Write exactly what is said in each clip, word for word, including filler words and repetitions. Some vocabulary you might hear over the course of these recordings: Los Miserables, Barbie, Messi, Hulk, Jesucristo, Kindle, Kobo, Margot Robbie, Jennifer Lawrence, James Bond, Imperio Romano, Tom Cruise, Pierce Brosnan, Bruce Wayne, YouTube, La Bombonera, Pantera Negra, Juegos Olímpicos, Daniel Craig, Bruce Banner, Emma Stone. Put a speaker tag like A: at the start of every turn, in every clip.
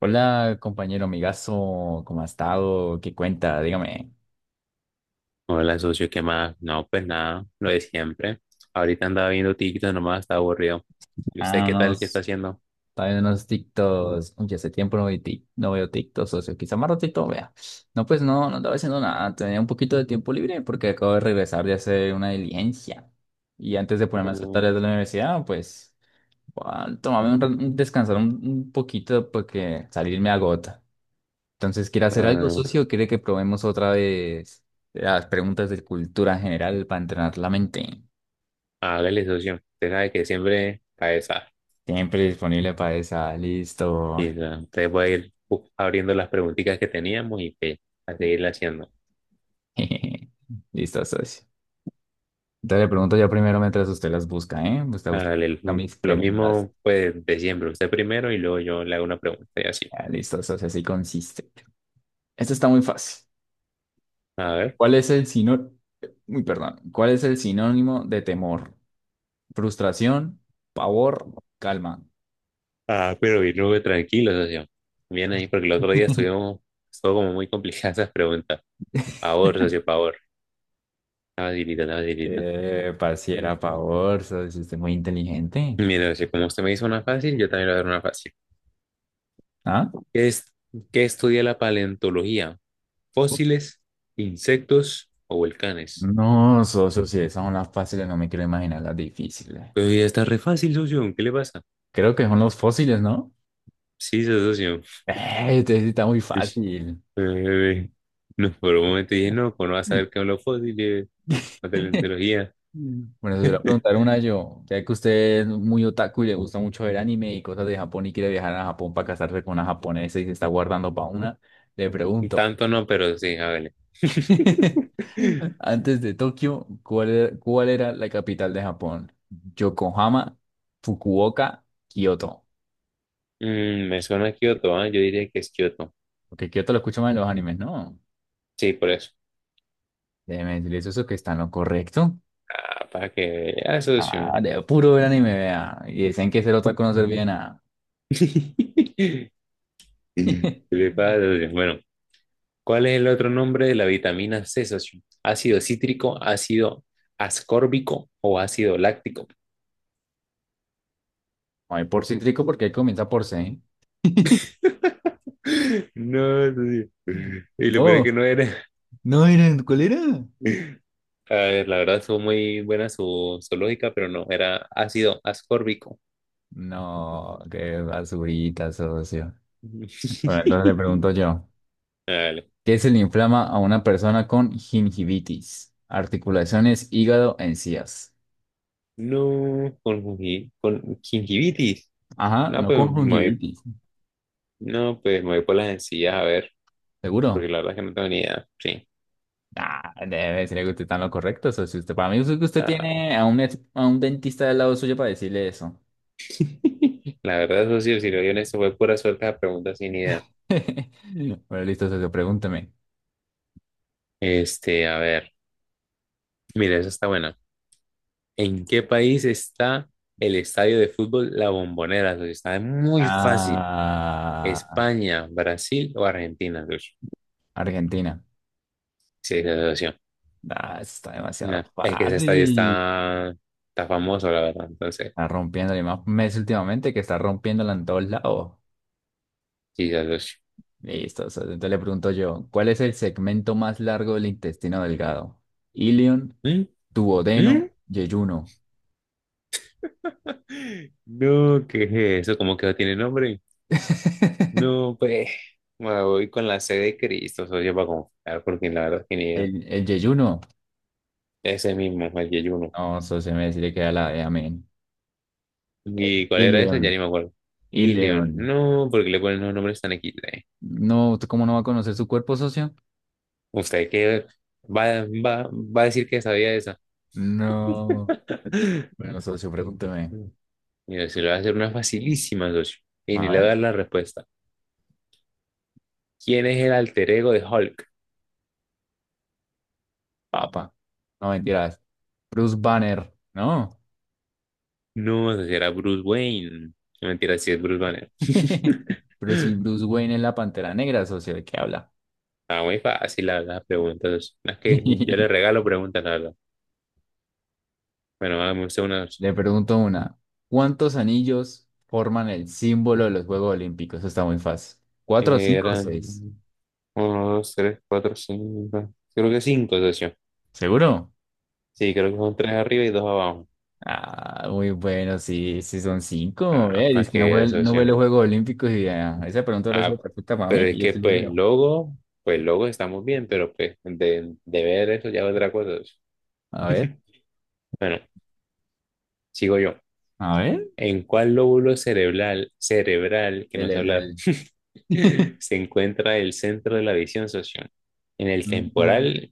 A: Hola, compañero amigazo, ¿cómo ha estado? ¿Qué cuenta? Dígame.
B: Hola, socio, ¿qué más? No, pues nada, lo de siempre. Ahorita andaba viendo TikTok nomás, está aburrido. ¿Y usted
A: Ah,
B: qué tal? ¿Qué está
A: unos,
B: haciendo?
A: también unos TikToks. Oye, hace tiempo no veo, tic, no veo TikTok, socio. Quizá más ratito vea. No, pues no, no estaba haciendo nada. Tenía un poquito de tiempo libre porque acabo de regresar de hacer una diligencia. Y antes de ponerme a hacer
B: Mm,
A: tareas de la universidad, pues, bueno, tomarme un, ra- un- descansar un, un poquito porque salir me agota. Entonces, ¿quiere hacer algo,
B: ah,
A: socio? ¿Quiere que probemos otra vez las preguntas de cultura general para entrenar la mente?
B: hágale, socio. Usted sabe que siempre cabeza.
A: Siempre disponible para esa. Listo.
B: Y ah, usted puede ir bu- abriendo las preguntitas que teníamos y pues, a seguirla haciendo.
A: Listo, socio. Entonces le pregunto yo primero mientras usted las busca, ¿eh? Usted
B: Hágale,
A: busca
B: l-
A: mis
B: lo
A: preguntas.
B: mismo pues de siempre. Usted primero y luego yo le hago una pregunta y así.
A: Ah, listo, socio, así consiste. Esto está muy fácil.
B: A ver.
A: ¿Cuál es el sinónimo? Muy perdón. ¿Cuál es el sinónimo de temor? Frustración, pavor, calma.
B: Ah, pero bien, luego tranquilo, socio. Bien ahí, porque el otro día estuvimos, estuvo como muy complicada esas preguntas. Favor, socio, favor. La facilita, la facilita.
A: Eh, pareciera pavor, socio, usted es muy inteligente.
B: Mira, si como usted me hizo una fácil, yo también le voy a dar una fácil.
A: ¿Ah?
B: ¿Qué es, qué estudia la paleontología? ¿Fósiles, insectos o volcanes?
A: No, socio, si esas son las fáciles, no me quiero imaginar las difíciles.
B: Pues ya está re fácil, socio. ¿Qué le pasa?
A: Creo que son los fósiles, ¿no?
B: Sí, socio.
A: Eh, este sí está muy
B: Uish,
A: fácil.
B: eh, no, por un momento dije, no, pues no vas a saber qué son los fósiles, la paleontología.
A: Bueno, se lo voy a preguntar una yo, ya que usted es muy otaku y le gusta mucho ver anime y cosas de Japón y quiere viajar a Japón para casarse con una japonesa y se está guardando para una, le pregunto,
B: Tanto no, pero sí, hágale.
A: antes de Tokio, ¿cuál era, cuál era la capital de Japón? Yokohama, Fukuoka, Kioto.
B: Mm, me suena a Kioto, ¿ah? Yo diría que es Kioto.
A: Porque Kioto lo escucho más en los animes, ¿no?
B: Sí, por eso.
A: Déjeme decirles eso que está en lo correcto.
B: Ah, para que vea, socio.
A: Ah, de puro ver anime, vea. Y dicen que ser otaku no servía de nada.
B: Le bueno, ¿cuál es el otro nombre de la vitamina C, socio? ¿Ácido cítrico, ácido ascórbico o ácido láctico?
A: No hay por cítrico porque ahí comienza por C.
B: No, socio. Y lo peor es que
A: No,
B: no era.
A: no era, ¿cuál era?
B: A ver, la verdad fue muy buena su, su lógica, pero no, era ácido ascórbico.
A: No, qué basurita, socio. Bueno, entonces le pregunto yo,
B: Dale.
A: ¿qué se le inflama a una persona con gingivitis? Articulaciones, hígado, encías.
B: No, con, gingi- con gingivitis.
A: Ajá,
B: No,
A: no
B: pues
A: con
B: me voy,
A: gingivitis,
B: no, pues me voy por las sencillas, a ver, porque
A: ¿seguro?
B: la verdad es que no tengo ni idea. Sí.
A: Ah, debe ser que usted está en lo correcto, socio. Usted, para mí es que usted
B: Ah,
A: tiene a un, ex- a un dentista del lado suyo para decirle eso.
B: la verdad, eso sí, si lo en esto fue pura suerte la pregunta sin idea.
A: Bueno, listo, socio, pregúntame.
B: Este, a ver, mira, esa está buena. ¿En qué país está el estadio de fútbol La Bombonera, socio? Está muy fácil.
A: Ah,
B: ¿España, Brasil o Argentina, socio?
A: Argentina.
B: Sí, esa asociación.
A: Ah, eso está demasiado
B: No, es que ese estadio
A: fácil.
B: está, está famoso, la verdad. Entonces,
A: Está rompiendo y más Messi últimamente que está rompiéndola en todos lados.
B: sí, esa asociación.
A: Listo. O sea, entonces le pregunto yo, ¿cuál es el segmento más largo del intestino delgado? Ilion,
B: ¿Mm? ¿Mm?
A: duodeno, yeyuno.
B: No, ¿qué es eso? ¿Cómo que no tiene nombre? No, pues, me voy con la sede de Cristo, socio, para confiar, porque la verdad es que ni idea.
A: El, el yeyuno.
B: Ese mismo, el yeyuno.
A: No, eso se me le queda la de amén.
B: ¿Y cuál era ese? Ya
A: Ileón,
B: ni me acuerdo. León,
A: Ileón.
B: no, porque le ponen los nombres tan equis de.
A: No, ¿usted cómo no va a conocer su cuerpo, socio?
B: ¿Usted qué va, va, va a decir que sabía esa?
A: No. Bueno, socio, pregúnteme.
B: Mira, se lo voy a hacer una facilísima, socio. Y
A: A
B: ni le voy
A: ver,
B: a dar la respuesta. ¿Quién es el alter ego de Hulk?
A: papa. No, mentiras. Bruce Banner, ¿no?
B: No, socio, era Bruce Wayne. No, mentira, sí es Bruce Banner.
A: Pero si Bruce Wayne es la Pantera Negra, socio, ¿de qué habla?
B: Está muy fácil la, las preguntas, socio. Las que yo le regalo preguntas, la verdad. Bueno, hagamos usted una, socio.
A: Le pregunto una. ¿Cuántos anillos forman el símbolo de los Juegos Olímpicos? Eso está muy fácil. ¿Cuatro, cinco o
B: Era...
A: seis?
B: Uno, dos, tres, cuatro, cinco. Creo que cinco, socio.
A: ¿Seguro?
B: Sí, creo que son tres arriba y dos abajo.
A: Ah, muy bueno, sí, sí son cinco.
B: Ah,
A: Eh,
B: para
A: dice que
B: que
A: no ve,
B: veas,
A: no ve
B: socio.
A: los Juegos Olímpicos y ah, esa pregunta ahora es
B: Ah,
A: perfecta para
B: pero
A: mí,
B: es
A: que yo
B: que,
A: sí los
B: pues,
A: veo.
B: luego pues, luego estamos bien, pero, pues, de, de ver eso ya es otra cosa, socio.
A: A ver,
B: Bueno, sigo yo.
A: a ver.
B: ¿En cuál lóbulo cerebral, cerebral, que
A: El,
B: no sé
A: el-
B: hablar,
A: el-
B: se encuentra el centro de la visión, socio? ¿En el
A: No.
B: temporal,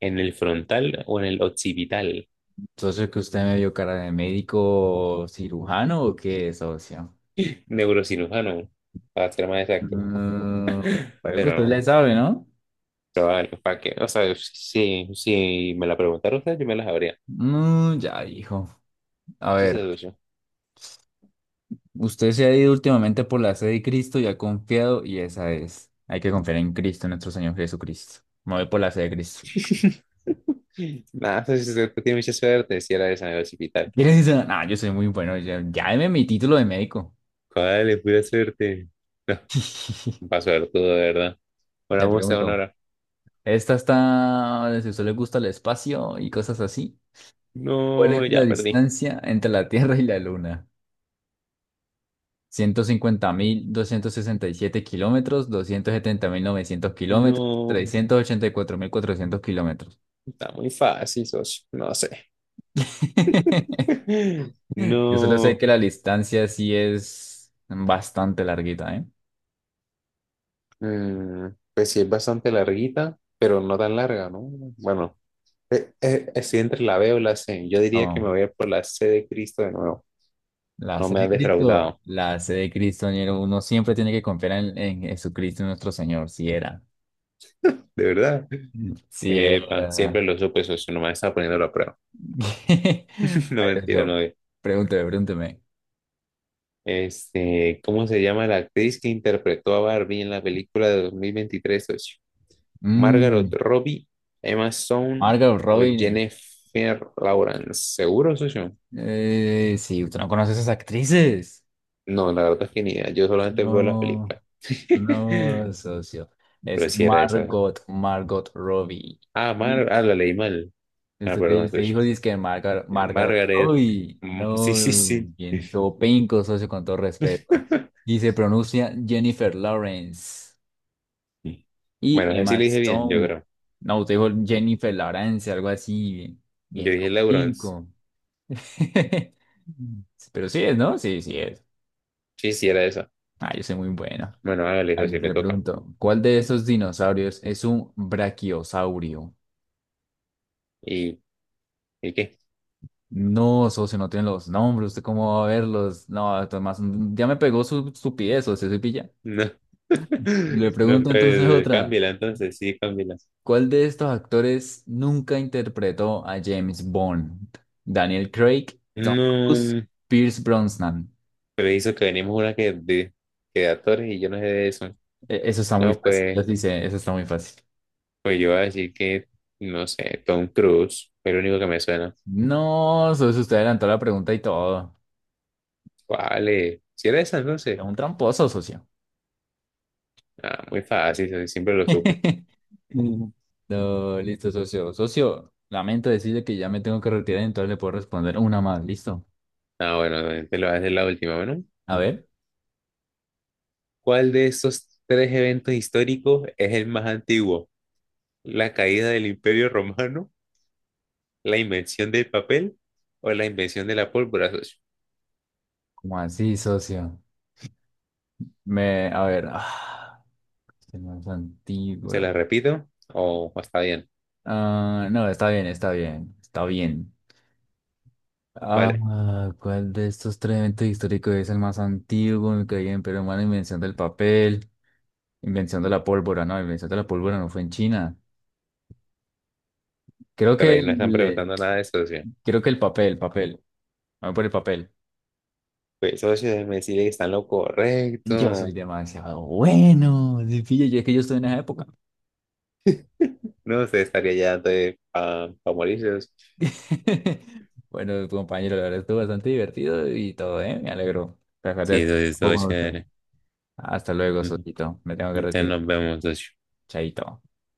B: en el frontal o en el occipital?
A: Socio, que usted me vio cara de médico cirujano o qué, ¿socio?
B: Neurocirujano, para ser más exacto.
A: Mm, pero que usted le
B: Pero
A: sabe, ¿no?
B: Pero vale, ¿para qué? O sea, si, si me la preguntara usted, yo me la sabría.
A: Mm, ya dijo. A
B: Sí, se
A: ver, usted se ha ido últimamente por la sed de Cristo y ha confiado, y esa es. Hay que confiar en Cristo, en nuestro Señor Jesucristo. Me voy por la sed de Cristo.
B: nada, pues, si usted tiene mucha suerte, si era de San Hospital.
A: ¿Quién dice? Ah, yo soy muy bueno. Ya, ya deme mi título de médico.
B: ¿Cuál es pura suerte? No, un paso de todo, de verdad. Ahora
A: Le
B: vamos a una
A: pregunto,
B: hora.
A: ¿esta está, si a usted le gusta el espacio y cosas así? ¿Cuál
B: No,
A: es la
B: ya perdí.
A: distancia entre la Tierra y la Luna? Ciento cincuenta mil doscientos sesenta y siete kilómetros, doscientos setenta mil novecientos kilómetros,
B: No,
A: trescientos ochenta y cuatro mil cuatrocientos kilómetros.
B: está muy fácil, socio. No sé.
A: Yo solo sé
B: No.
A: que la distancia sí es bastante larguita, ¿eh?
B: Mm, pues sí, es bastante larguita, pero no tan larga, ¿no? Bueno, Eh, eh, estoy entre la B o la C. Yo diría que
A: No,
B: me voy a ir por la C de Cristo de nuevo.
A: la
B: No
A: sede
B: me ha
A: de Cristo,
B: defraudado,
A: la sede de Cristo, ñero, uno siempre tiene que confiar en, en Jesucristo nuestro Señor, si era.
B: de verdad.
A: Si
B: Epa,
A: era.
B: siempre lo supe, socio, nomás estaba poniendo a prueba. No mentira, no.
A: Eso,
B: Eh,
A: pregúnteme, pregúnteme.
B: este, ¿cómo se llama la actriz que interpretó a Barbie en la película de dos mil veintitrés, socio? Margaret
A: Mm,
B: Robbie, Emma Stone
A: Margot
B: o
A: Robbie.
B: Jennifer Lawrence. ¿Seguro, socio?
A: Eh, sí, usted no conoce a esas actrices.
B: No, la verdad es que ni idea. Yo solamente veo las
A: No,
B: películas.
A: no, socio.
B: Pero
A: Es
B: si era esa.
A: Margot, Margot, Robbie.
B: Ah,
A: Sí,
B: Mar, ah, la leí mal. Ah,
A: Usted,
B: perdón,
A: usted
B: socio.
A: dijo dizque Margot, Margot
B: Margaret.
A: Robbie.
B: Mm, sí, sí,
A: No,
B: sí.
A: bien, todo pinco, socio, con todo respeto. Y se pronuncia Jennifer Lawrence
B: Bueno,
A: y
B: ese sí
A: Emma
B: le dije bien, yo
A: Stone.
B: creo.
A: No, usted dijo Jennifer Lawrence, algo así, bien, bien,
B: Yo
A: todo
B: dije Lawrence.
A: pinco. Pero sí es, ¿no? Sí, sí es.
B: Sí, sí, era esa.
A: Ah, yo soy muy bueno.
B: Bueno, hágale
A: A
B: eso,
A: ver,
B: sí le
A: le
B: toca.
A: pregunto, ¿cuál de esos dinosaurios es un brachiosaurio?
B: ¿Y, ¿y qué?
A: No, socio, no tienen los nombres, ¿usted cómo va a verlos? No, Tomás, ya me pegó su estupidez, socio, soy pilla.
B: No.
A: Le
B: No,
A: pregunto entonces
B: pues
A: otra,
B: cámbiala entonces, sí, cámbiala.
A: ¿cuál de estos actores nunca interpretó a James Bond? Daniel Craig, Tom Cruise,
B: No,
A: Pierce Brosnan.
B: pero hizo que venimos una que de, que de actores y yo no sé de eso.
A: E- Eso está muy
B: No,
A: fácil,
B: pues,
A: les dice, eso está muy fácil.
B: pues yo voy a decir que, no sé, Tom Cruise, fue lo único que me suena.
A: No, socio, usted adelantó la pregunta y todo.
B: ¿Cuál es? ¿Si era esa
A: Es
B: entonces?
A: un tramposo, socio.
B: Ah, muy fácil, siempre lo supe.
A: No, listo, socio. Socio, lamento decirle que ya me tengo que retirar, entonces le puedo responder una más, ¿listo?
B: Ah, bueno, te lo voy a hacer la última, bueno.
A: A ver,
B: ¿Cuál de estos tres eventos históricos es el más antiguo? ¿La caída del Imperio Romano, la invención del papel o la invención de la pólvora, socio?
A: ¿cómo así, socio? Me, a ver, ah, este no es antiguo.
B: ¿Se la repito? O o está bien,
A: Ah, no, está bien, está bien, está bien.
B: vale.
A: Ah, ¿cuál de estos tres eventos históricos es el más antiguo? Me caí en Imperio Romano, invención del papel, invención de la pólvora, no, invención de la pólvora no fue en China. Creo
B: Pero
A: que
B: ahí no están
A: el, eh,
B: preguntando nada de eso, socio.
A: creo que el papel, papel, vamos por el papel.
B: Pues, socio, déjeme decirle que está en lo
A: Yo soy
B: correcto.
A: demasiado bueno. Sí, pilla, yo es que yo estoy en esa época.
B: No, usted estaría ya de pa, pa morirse, socio.
A: Bueno, compañero, la verdad estuvo bastante divertido y todo, ¿eh? Me alegro.
B: Sí,
A: Placer,
B: socio,
A: un poco con usted.
B: socio.
A: Hasta luego, Sotito. Me tengo que
B: Entonces
A: retirar.
B: nos vemos, socio.
A: Chaito.